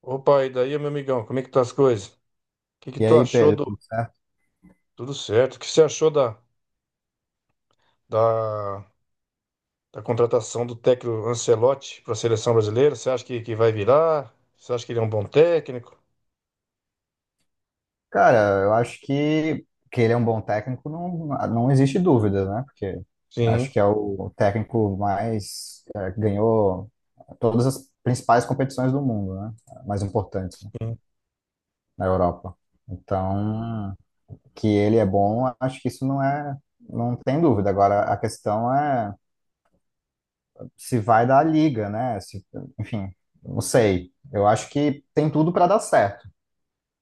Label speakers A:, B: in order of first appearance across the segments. A: Opa, e daí, meu amigão, como é que tá as coisas? O que que
B: E
A: tu
B: aí,
A: achou
B: Pedro,
A: do...
B: tudo certo?
A: Tudo certo. O que você achou da, da contratação do técnico Ancelotti para a seleção brasileira? Você acha que vai virar? Você acha que ele é um bom técnico?
B: Cara, eu acho que ele é um bom técnico, não existe dúvida, né? Porque
A: Sim,
B: acho que é o técnico mais que ganhou todas as principais competições do mundo, né? Mais importantes, né?
A: sim,
B: Na Europa. Então, que ele é bom, acho que isso não tem dúvida. Agora, a questão é se vai dar a liga, né? Se, enfim, não sei. Eu acho que tem tudo para dar certo.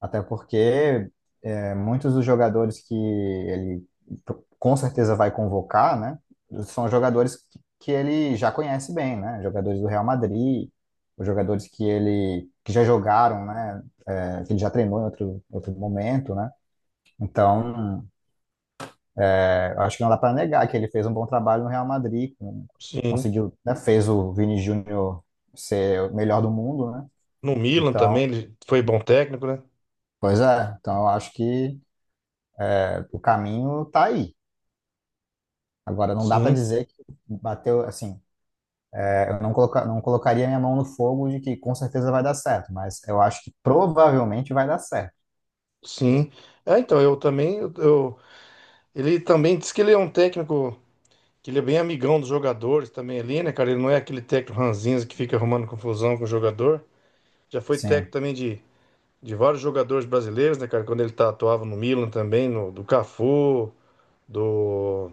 B: Até porque muitos dos jogadores que ele com certeza vai convocar, né? São jogadores que ele já conhece bem, né? Jogadores do Real Madrid, os jogadores que ele que já jogaram, né? Que ele já treinou em outro momento, né? Então, eu acho que não dá para negar que ele fez um bom trabalho no Real Madrid,
A: sim.
B: conseguiu, né? Fez o Vini Júnior ser o melhor do mundo, né?
A: No Milan
B: Então,
A: também ele foi bom técnico, né?
B: pois é. Então, eu acho que o caminho tá aí. Agora, não dá para
A: Sim,
B: dizer que bateu, assim, eu não, coloca, não colocaria minha mão no fogo de que com certeza vai dar certo, mas eu acho que provavelmente vai dar certo.
A: sim. É, então, eu também... ele também disse que ele é um técnico... Que ele é bem amigão dos jogadores também ali, né, cara? Ele não é aquele técnico ranzinza que fica arrumando confusão com o jogador. Já foi técnico
B: Sim,
A: também de vários jogadores brasileiros, né, cara? Quando ele tá, atuava no Milan também, no, do Cafu, do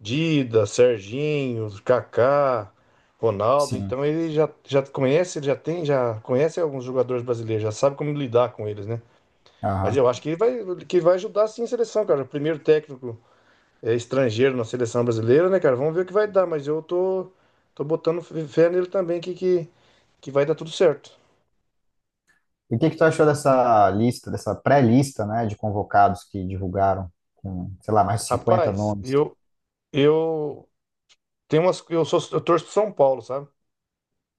A: Dida, Serginho, Kaká, Ronaldo.
B: sim.
A: Então ele já, já conhece, ele já tem, já conhece alguns jogadores brasileiros, já sabe como lidar com eles, né? Mas
B: Aham.
A: eu acho que ele vai, que vai ajudar sim a seleção, cara. O primeiro técnico é, estrangeiro na seleção brasileira, né, cara? Vamos ver o que vai dar, mas eu tô botando fé nele também que vai dar tudo certo.
B: E o que que tu achou dessa lista, dessa pré-lista, né, de convocados que divulgaram com, sei lá, mais de 50
A: Rapaz,
B: nomes?
A: eu tem umas, eu sou, eu torço pro São Paulo, sabe?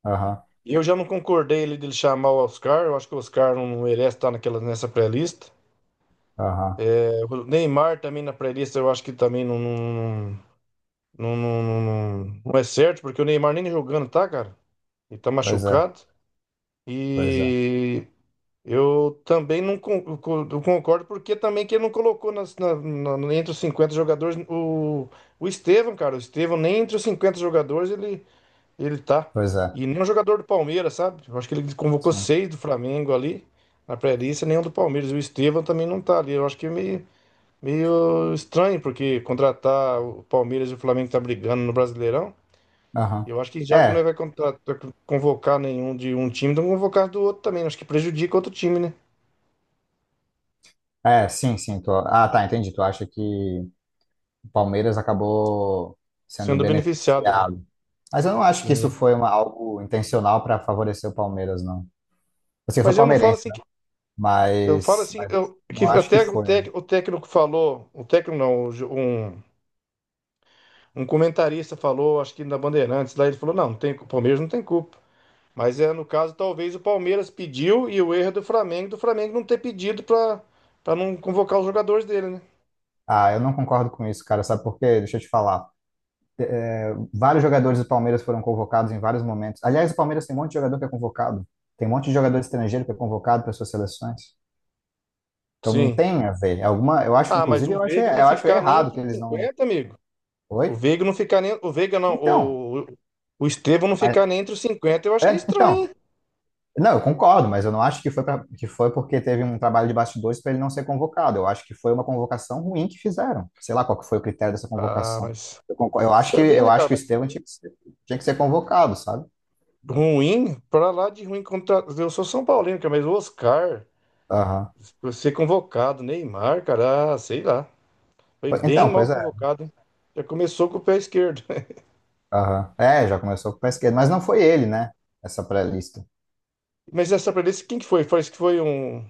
B: Aham,
A: E eu já não concordei ele dele chamar o Oscar, eu acho que o Oscar não merece estar naquela, nessa pré-lista.
B: aham.
A: É, o Neymar também na pré-lista, eu acho que também não, não, não, não é certo, porque o Neymar nem jogando tá, cara. Ele tá
B: Pois é,
A: machucado.
B: pois é,
A: E eu também não, não concordo, porque também que ele não colocou entre os 50 jogadores o Estevão, cara. O Estevão nem entre os 50 jogadores ele, ele tá.
B: pois é.
A: E nenhum jogador do Palmeiras, sabe? Eu acho que ele convocou
B: Sim.
A: seis do Flamengo ali na pré-lista, nenhum do Palmeiras. O Estevão também não tá ali. Eu acho que é meio, meio estranho, porque contratar o Palmeiras e o Flamengo que tá brigando no Brasileirão.
B: Aham.
A: Eu acho que já que não
B: É,
A: vai contratar, convocar nenhum de um time, então convocar do outro também. Acho que prejudica outro time, né?
B: é, sim, sim. Ah, tá, entendi. Tu acha que o Palmeiras acabou sendo
A: Sendo beneficiado ali.
B: beneficiado? Mas eu não acho que isso
A: Sim.
B: foi algo intencional para favorecer o Palmeiras, não. Assim, eu sou
A: Mas eu não falo
B: palmeirense,
A: assim
B: né?
A: que. Eu falo
B: Mas,
A: assim,
B: mas
A: eu, que
B: não acho que
A: até o,
B: foi, né?
A: tec, o técnico falou, o técnico não, o um comentarista falou, acho que na Bandeirantes, lá ele falou: não, não tem, o Palmeiras não tem culpa. Mas é, no caso, talvez o Palmeiras pediu e o erro é do Flamengo não ter pedido pra não convocar os jogadores dele, né?
B: Ah, eu não concordo com isso, cara. Sabe por quê? Deixa eu te falar. Vários jogadores do Palmeiras foram convocados em vários momentos. Aliás, o Palmeiras tem um monte de jogador que é convocado. Tem um monte de jogador estrangeiro que é convocado para suas seleções. Então não
A: Sim.
B: tem a ver. É alguma, eu acho,
A: Ah, mas
B: inclusive,
A: o
B: eu acho,
A: Veiga não
B: eu acho
A: ficar nem
B: errado
A: entre
B: que
A: os
B: eles não.
A: 50, amigo. O
B: Oi?
A: Veiga não ficar nem. O Veiga não.
B: Então,
A: O Estevão não
B: mas,
A: ficar nem entre os 50, eu acho que é estranho,
B: então.
A: hein?
B: Não, eu concordo, mas eu não acho que foi porque teve um trabalho de bastidores para ele não ser convocado. Eu acho que foi uma convocação ruim que fizeram. Sei lá qual que foi o critério dessa
A: Ah,
B: convocação.
A: mas.
B: Eu concordo, eu acho
A: Você
B: que
A: vê,
B: eu
A: né,
B: acho
A: cara?
B: que o
A: Mas
B: Estevão tinha que ser convocado, sabe?
A: ruim, pra lá de ruim contra. Eu sou São Paulino, cara, mas o Oscar.
B: Aham.
A: Pra ser convocado, Neymar, cara, ah, sei lá. Foi bem
B: Então,
A: mal
B: pois é.
A: convocado, hein? Já começou com o pé esquerdo.
B: Aham. É, já começou com o pé esquerdo, mas não foi ele, né? Essa pré-lista.
A: Mas essa preferência, quem que foi? Parece que foi um.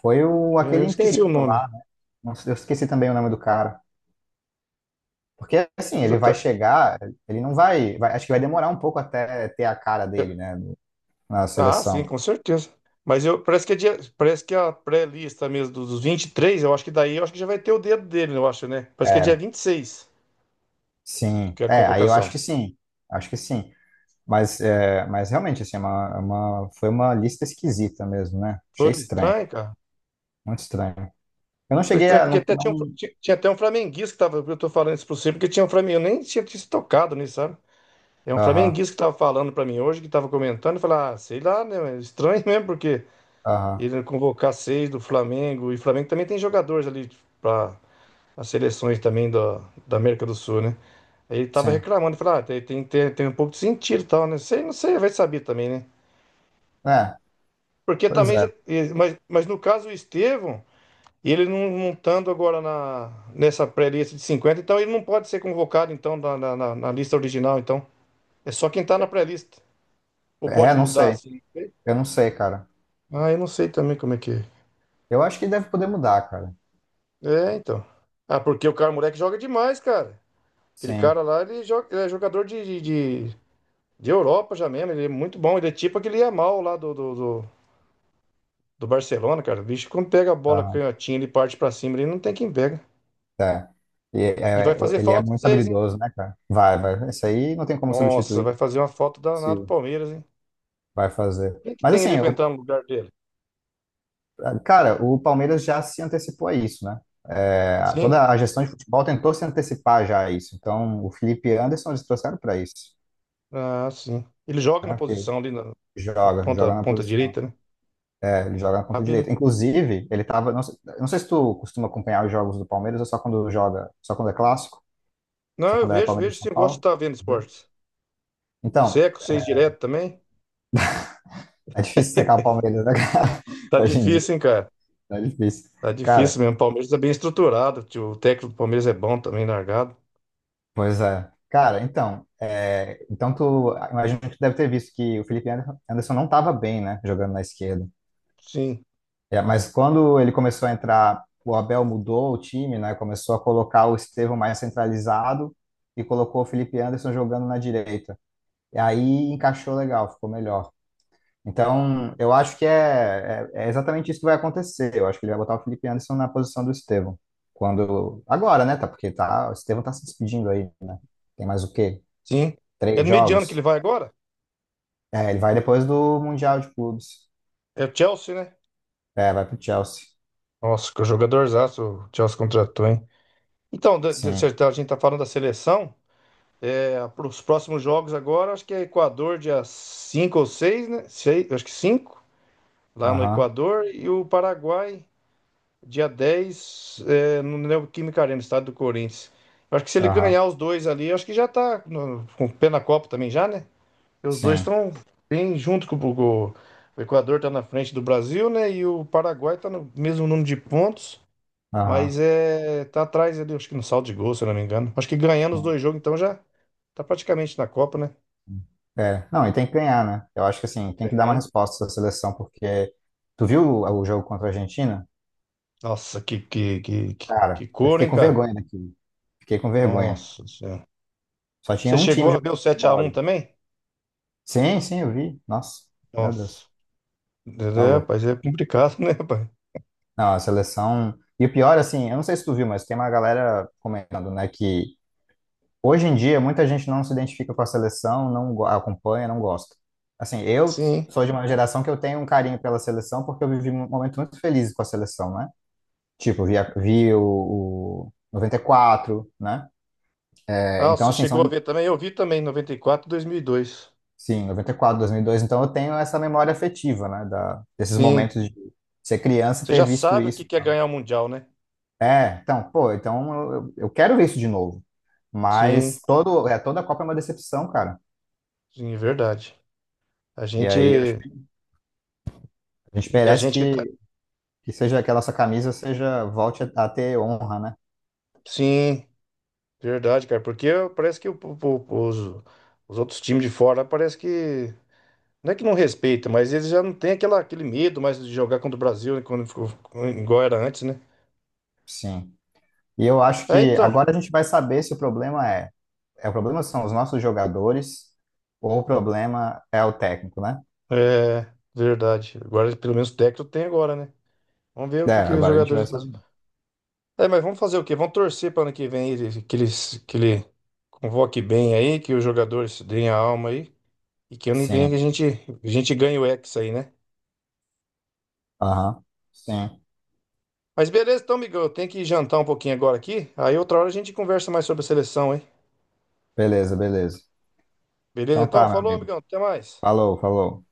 B: Foi o
A: É, eu
B: aquele
A: esqueci o
B: interino
A: nome.
B: lá, né? Não sei- Eu esqueci também o nome do cara. Porque assim, ele vai
A: Exata-
B: chegar, ele não vai, vai- acho que vai demorar um pouco até ter a cara dele,
A: eu-
B: né, na
A: Ah, sim,
B: seleção.
A: com certeza. Mas eu, parece que é parece que é a pré-lista mesmo dos 23, eu acho que daí eu acho que já vai ter o dedo dele, eu acho, né? Parece que é dia
B: É.
A: 26,
B: Sim,
A: que é a
B: aí eu acho que
A: convocação.
B: sim, acho que sim. Mas realmente, assim, foi uma lista esquisita mesmo, né? Achei
A: Foi
B: estranho,
A: estranho, cara.
B: muito estranho. Eu não
A: Foi
B: cheguei
A: estranho,
B: a.
A: porque
B: Não,
A: até tinha, um,
B: não...
A: tinha, tinha até um flamenguista que tava. Eu tô falando isso pra você, porque tinha um flamenguista. Eu nem tinha, tinha se tocado nisso, sabe? É um
B: Aham,
A: flamenguista que estava falando para mim hoje, que estava comentando, e falar, ah, sei lá, né? Mas estranho mesmo, porque
B: aham,
A: ele convocar seis do Flamengo, e o Flamengo também tem jogadores ali para as seleções também da América do Sul, né? Aí ele tava
B: sim.
A: reclamando, falando, ah, tem um pouco de sentido e tal, né? Sei, não sei, vai saber também, né?
B: É,
A: Porque
B: pois
A: também,
B: é.
A: mas no caso o Estevão, ele não, não estando agora na, nessa pré-lista de 50 então ele não pode ser convocado, então, na lista original, então. É só quem tá na pré-lista. Ou
B: É,
A: pode
B: não
A: mudar,
B: sei,
A: assim.
B: eu não sei, cara.
A: Ah, eu não sei também como é que é.
B: Eu acho que deve poder mudar, cara.
A: É, então. Ah, porque o cara, o moleque joga demais, cara. Aquele
B: Sim,
A: cara lá, ele, joga, ele é jogador de, de Europa já mesmo. Ele é muito bom. Ele é tipo aquele Yamal lá do, do Barcelona, cara. O bicho, quando pega a bola
B: aham,
A: canhotinha, ele parte pra cima, ele não tem quem pega.
B: é. E,
A: E vai fazer
B: ele é
A: falta pra
B: muito
A: vocês, hein?
B: habilidoso, né, cara? Vai, vai. Isso aí não tem como
A: Nossa,
B: substituir,
A: vai fazer uma falta
B: se
A: danada pro Palmeiras, hein?
B: vai fazer.
A: Quem que
B: Mas
A: tem
B: assim,
A: ali pra
B: eu
A: entrar no lugar dele?
B: cara, o Palmeiras já se antecipou a isso, né? Toda
A: Sim.
B: a gestão de futebol tentou se antecipar já a isso. Então, o Felipe Anderson eles trouxeram para isso,
A: Ah, sim. Ele joga na
B: né? Porque
A: posição ali na, na
B: joga,
A: ponta,
B: joga na
A: ponta
B: posição,
A: direita, né?
B: ele joga na
A: Ah,
B: ponta direita.
A: beleza.
B: Inclusive, ele tava, não sei se tu costuma acompanhar os jogos do Palmeiras ou só quando joga, só quando é clássico,
A: Não,
B: só
A: eu
B: quando é
A: vejo,
B: Palmeiras e
A: vejo sim,
B: São
A: eu gosto de
B: Paulo,
A: estar vendo
B: né?
A: esportes. Você
B: Então,
A: é com seis direto também?
B: é difícil secar o Palmeiras, né, cara?
A: Tá
B: Hoje em dia,
A: difícil, hein, cara?
B: é difícil.
A: Tá difícil
B: Cara,
A: mesmo. O Palmeiras é bem estruturado. Tio. O técnico do Palmeiras é bom também, largado.
B: pois é. Cara, então, então tu imagino que tu deve ter visto que o Felipe Anderson não estava bem, né, jogando na esquerda.
A: Sim,
B: É, mas quando ele começou a entrar, o Abel mudou o time, né, começou a colocar o Estevão mais centralizado e colocou o Felipe Anderson jogando na direita. E aí encaixou legal, ficou melhor. Então, eu acho que é exatamente isso que vai acontecer. Eu acho que ele vai botar o Felipe Anderson na posição do Estevão. Agora, né, tá, porque tá, o Estevão tá se despedindo aí, né? Tem mais o quê?
A: sim. É
B: Três
A: no meio de ano que ele
B: jogos?
A: vai agora?
B: É, ele vai depois do Mundial de Clubes.
A: É o Chelsea, né?
B: É, vai pro Chelsea.
A: Nossa, que jogadorzaço o Chelsea contratou, hein? Então, se
B: Sim.
A: a gente tá falando da seleção, é, para os próximos jogos agora, acho que é Equador dia 5 ou 6, né? Sei, acho que 5, lá no
B: Aham.
A: Equador, e o Paraguai dia 10, é, no Neoquímica Arena, estado do Corinthians. Eu acho que se ele
B: Aham.
A: ganhar os dois ali, eu acho que já tá com o pé na Copa também já, né? Porque os dois
B: Sim.
A: estão bem junto com o Equador tá na frente do Brasil, né? E o Paraguai tá no mesmo número de pontos, mas
B: Aham.
A: é tá atrás ali, acho que no saldo de gol, se eu não me engano. Acho que ganhando os
B: Sim.
A: dois jogos, então já tá praticamente na Copa, né?
B: É. Não, e tem que ganhar, né? Eu acho que assim, tem que dar uma
A: Tem.
B: resposta essa seleção, porque tu viu o jogo contra a Argentina?
A: Nossa, que, que, que, que,
B: Cara,
A: que
B: eu
A: cor,
B: fiquei
A: hein,
B: com
A: cara?
B: vergonha daquilo. Fiquei com vergonha.
A: Nossa do céu.
B: Só tinha
A: Você
B: um time
A: chegou a ver
B: jogando
A: o sete a
B: futebol
A: um
B: ali.
A: também?
B: Sim, sim, eu vi. Nossa, meu
A: Nossa.
B: Deus, tá
A: É,
B: louco.
A: rapaz, é complicado, né, rapaz?
B: Não, a seleção. E o pior, assim, eu não sei se tu viu, mas tem uma galera comentando, né, que hoje em dia, muita gente não se identifica com a seleção, não acompanha, não gosta. Assim, eu
A: Sim.
B: sou de uma geração que eu tenho um carinho pela seleção porque eu vivi um momento muito feliz com a seleção, né? Tipo, vi o 94, né?
A: Ah,
B: Então,
A: você
B: assim,
A: chegou a ver também? Eu vi também, 94, 2002.
B: sim, noventa e quatro, 2002. Então, eu tenho essa memória afetiva, né? Desses
A: Sim.
B: momentos de ser criança e
A: Você
B: ter
A: já
B: visto
A: sabe o que
B: isso.
A: que é ganhar o Mundial, né?
B: É, então, pô, então eu quero ver isso de novo.
A: Sim,
B: Mas toda a Copa é uma decepção, cara.
A: sim, verdade. A
B: E
A: gente,
B: aí, eu acho
A: e
B: que a gente
A: a
B: merece
A: gente que tá...
B: que seja que a nossa camisa seja volte a ter honra, né?
A: Sim, verdade, cara. Porque parece que os outros times de fora parece que... Não é que não respeita, mas eles já não têm aquela, aquele medo mais de jogar contra o Brasil, né, quando ficou, igual era antes, né?
B: Sim. E eu acho
A: É,
B: que
A: então.
B: agora a gente vai saber se o problema é o problema são os nossos jogadores ou o problema é o técnico, né?
A: É, verdade. Agora, pelo menos o técnico tem agora, né? Vamos ver o
B: É,
A: que, que os
B: agora a gente
A: jogadores
B: vai
A: do Brasil.
B: saber.
A: É, mas vamos fazer o quê? Vamos torcer para ano que vem que ele convoque bem aí, que os jogadores deem a alma aí. E que ano que vem
B: Sim.
A: a gente ganhe o Hexa aí, né?
B: Aham. Sim.
A: Mas beleza, então, amigão, eu tenho que jantar um pouquinho agora aqui. Aí outra hora a gente conversa mais sobre a seleção, hein?
B: Beleza, beleza.
A: Beleza?
B: Então
A: Então,
B: tá, meu
A: falou,
B: amigo.
A: amigão, até mais.
B: Falou, falou.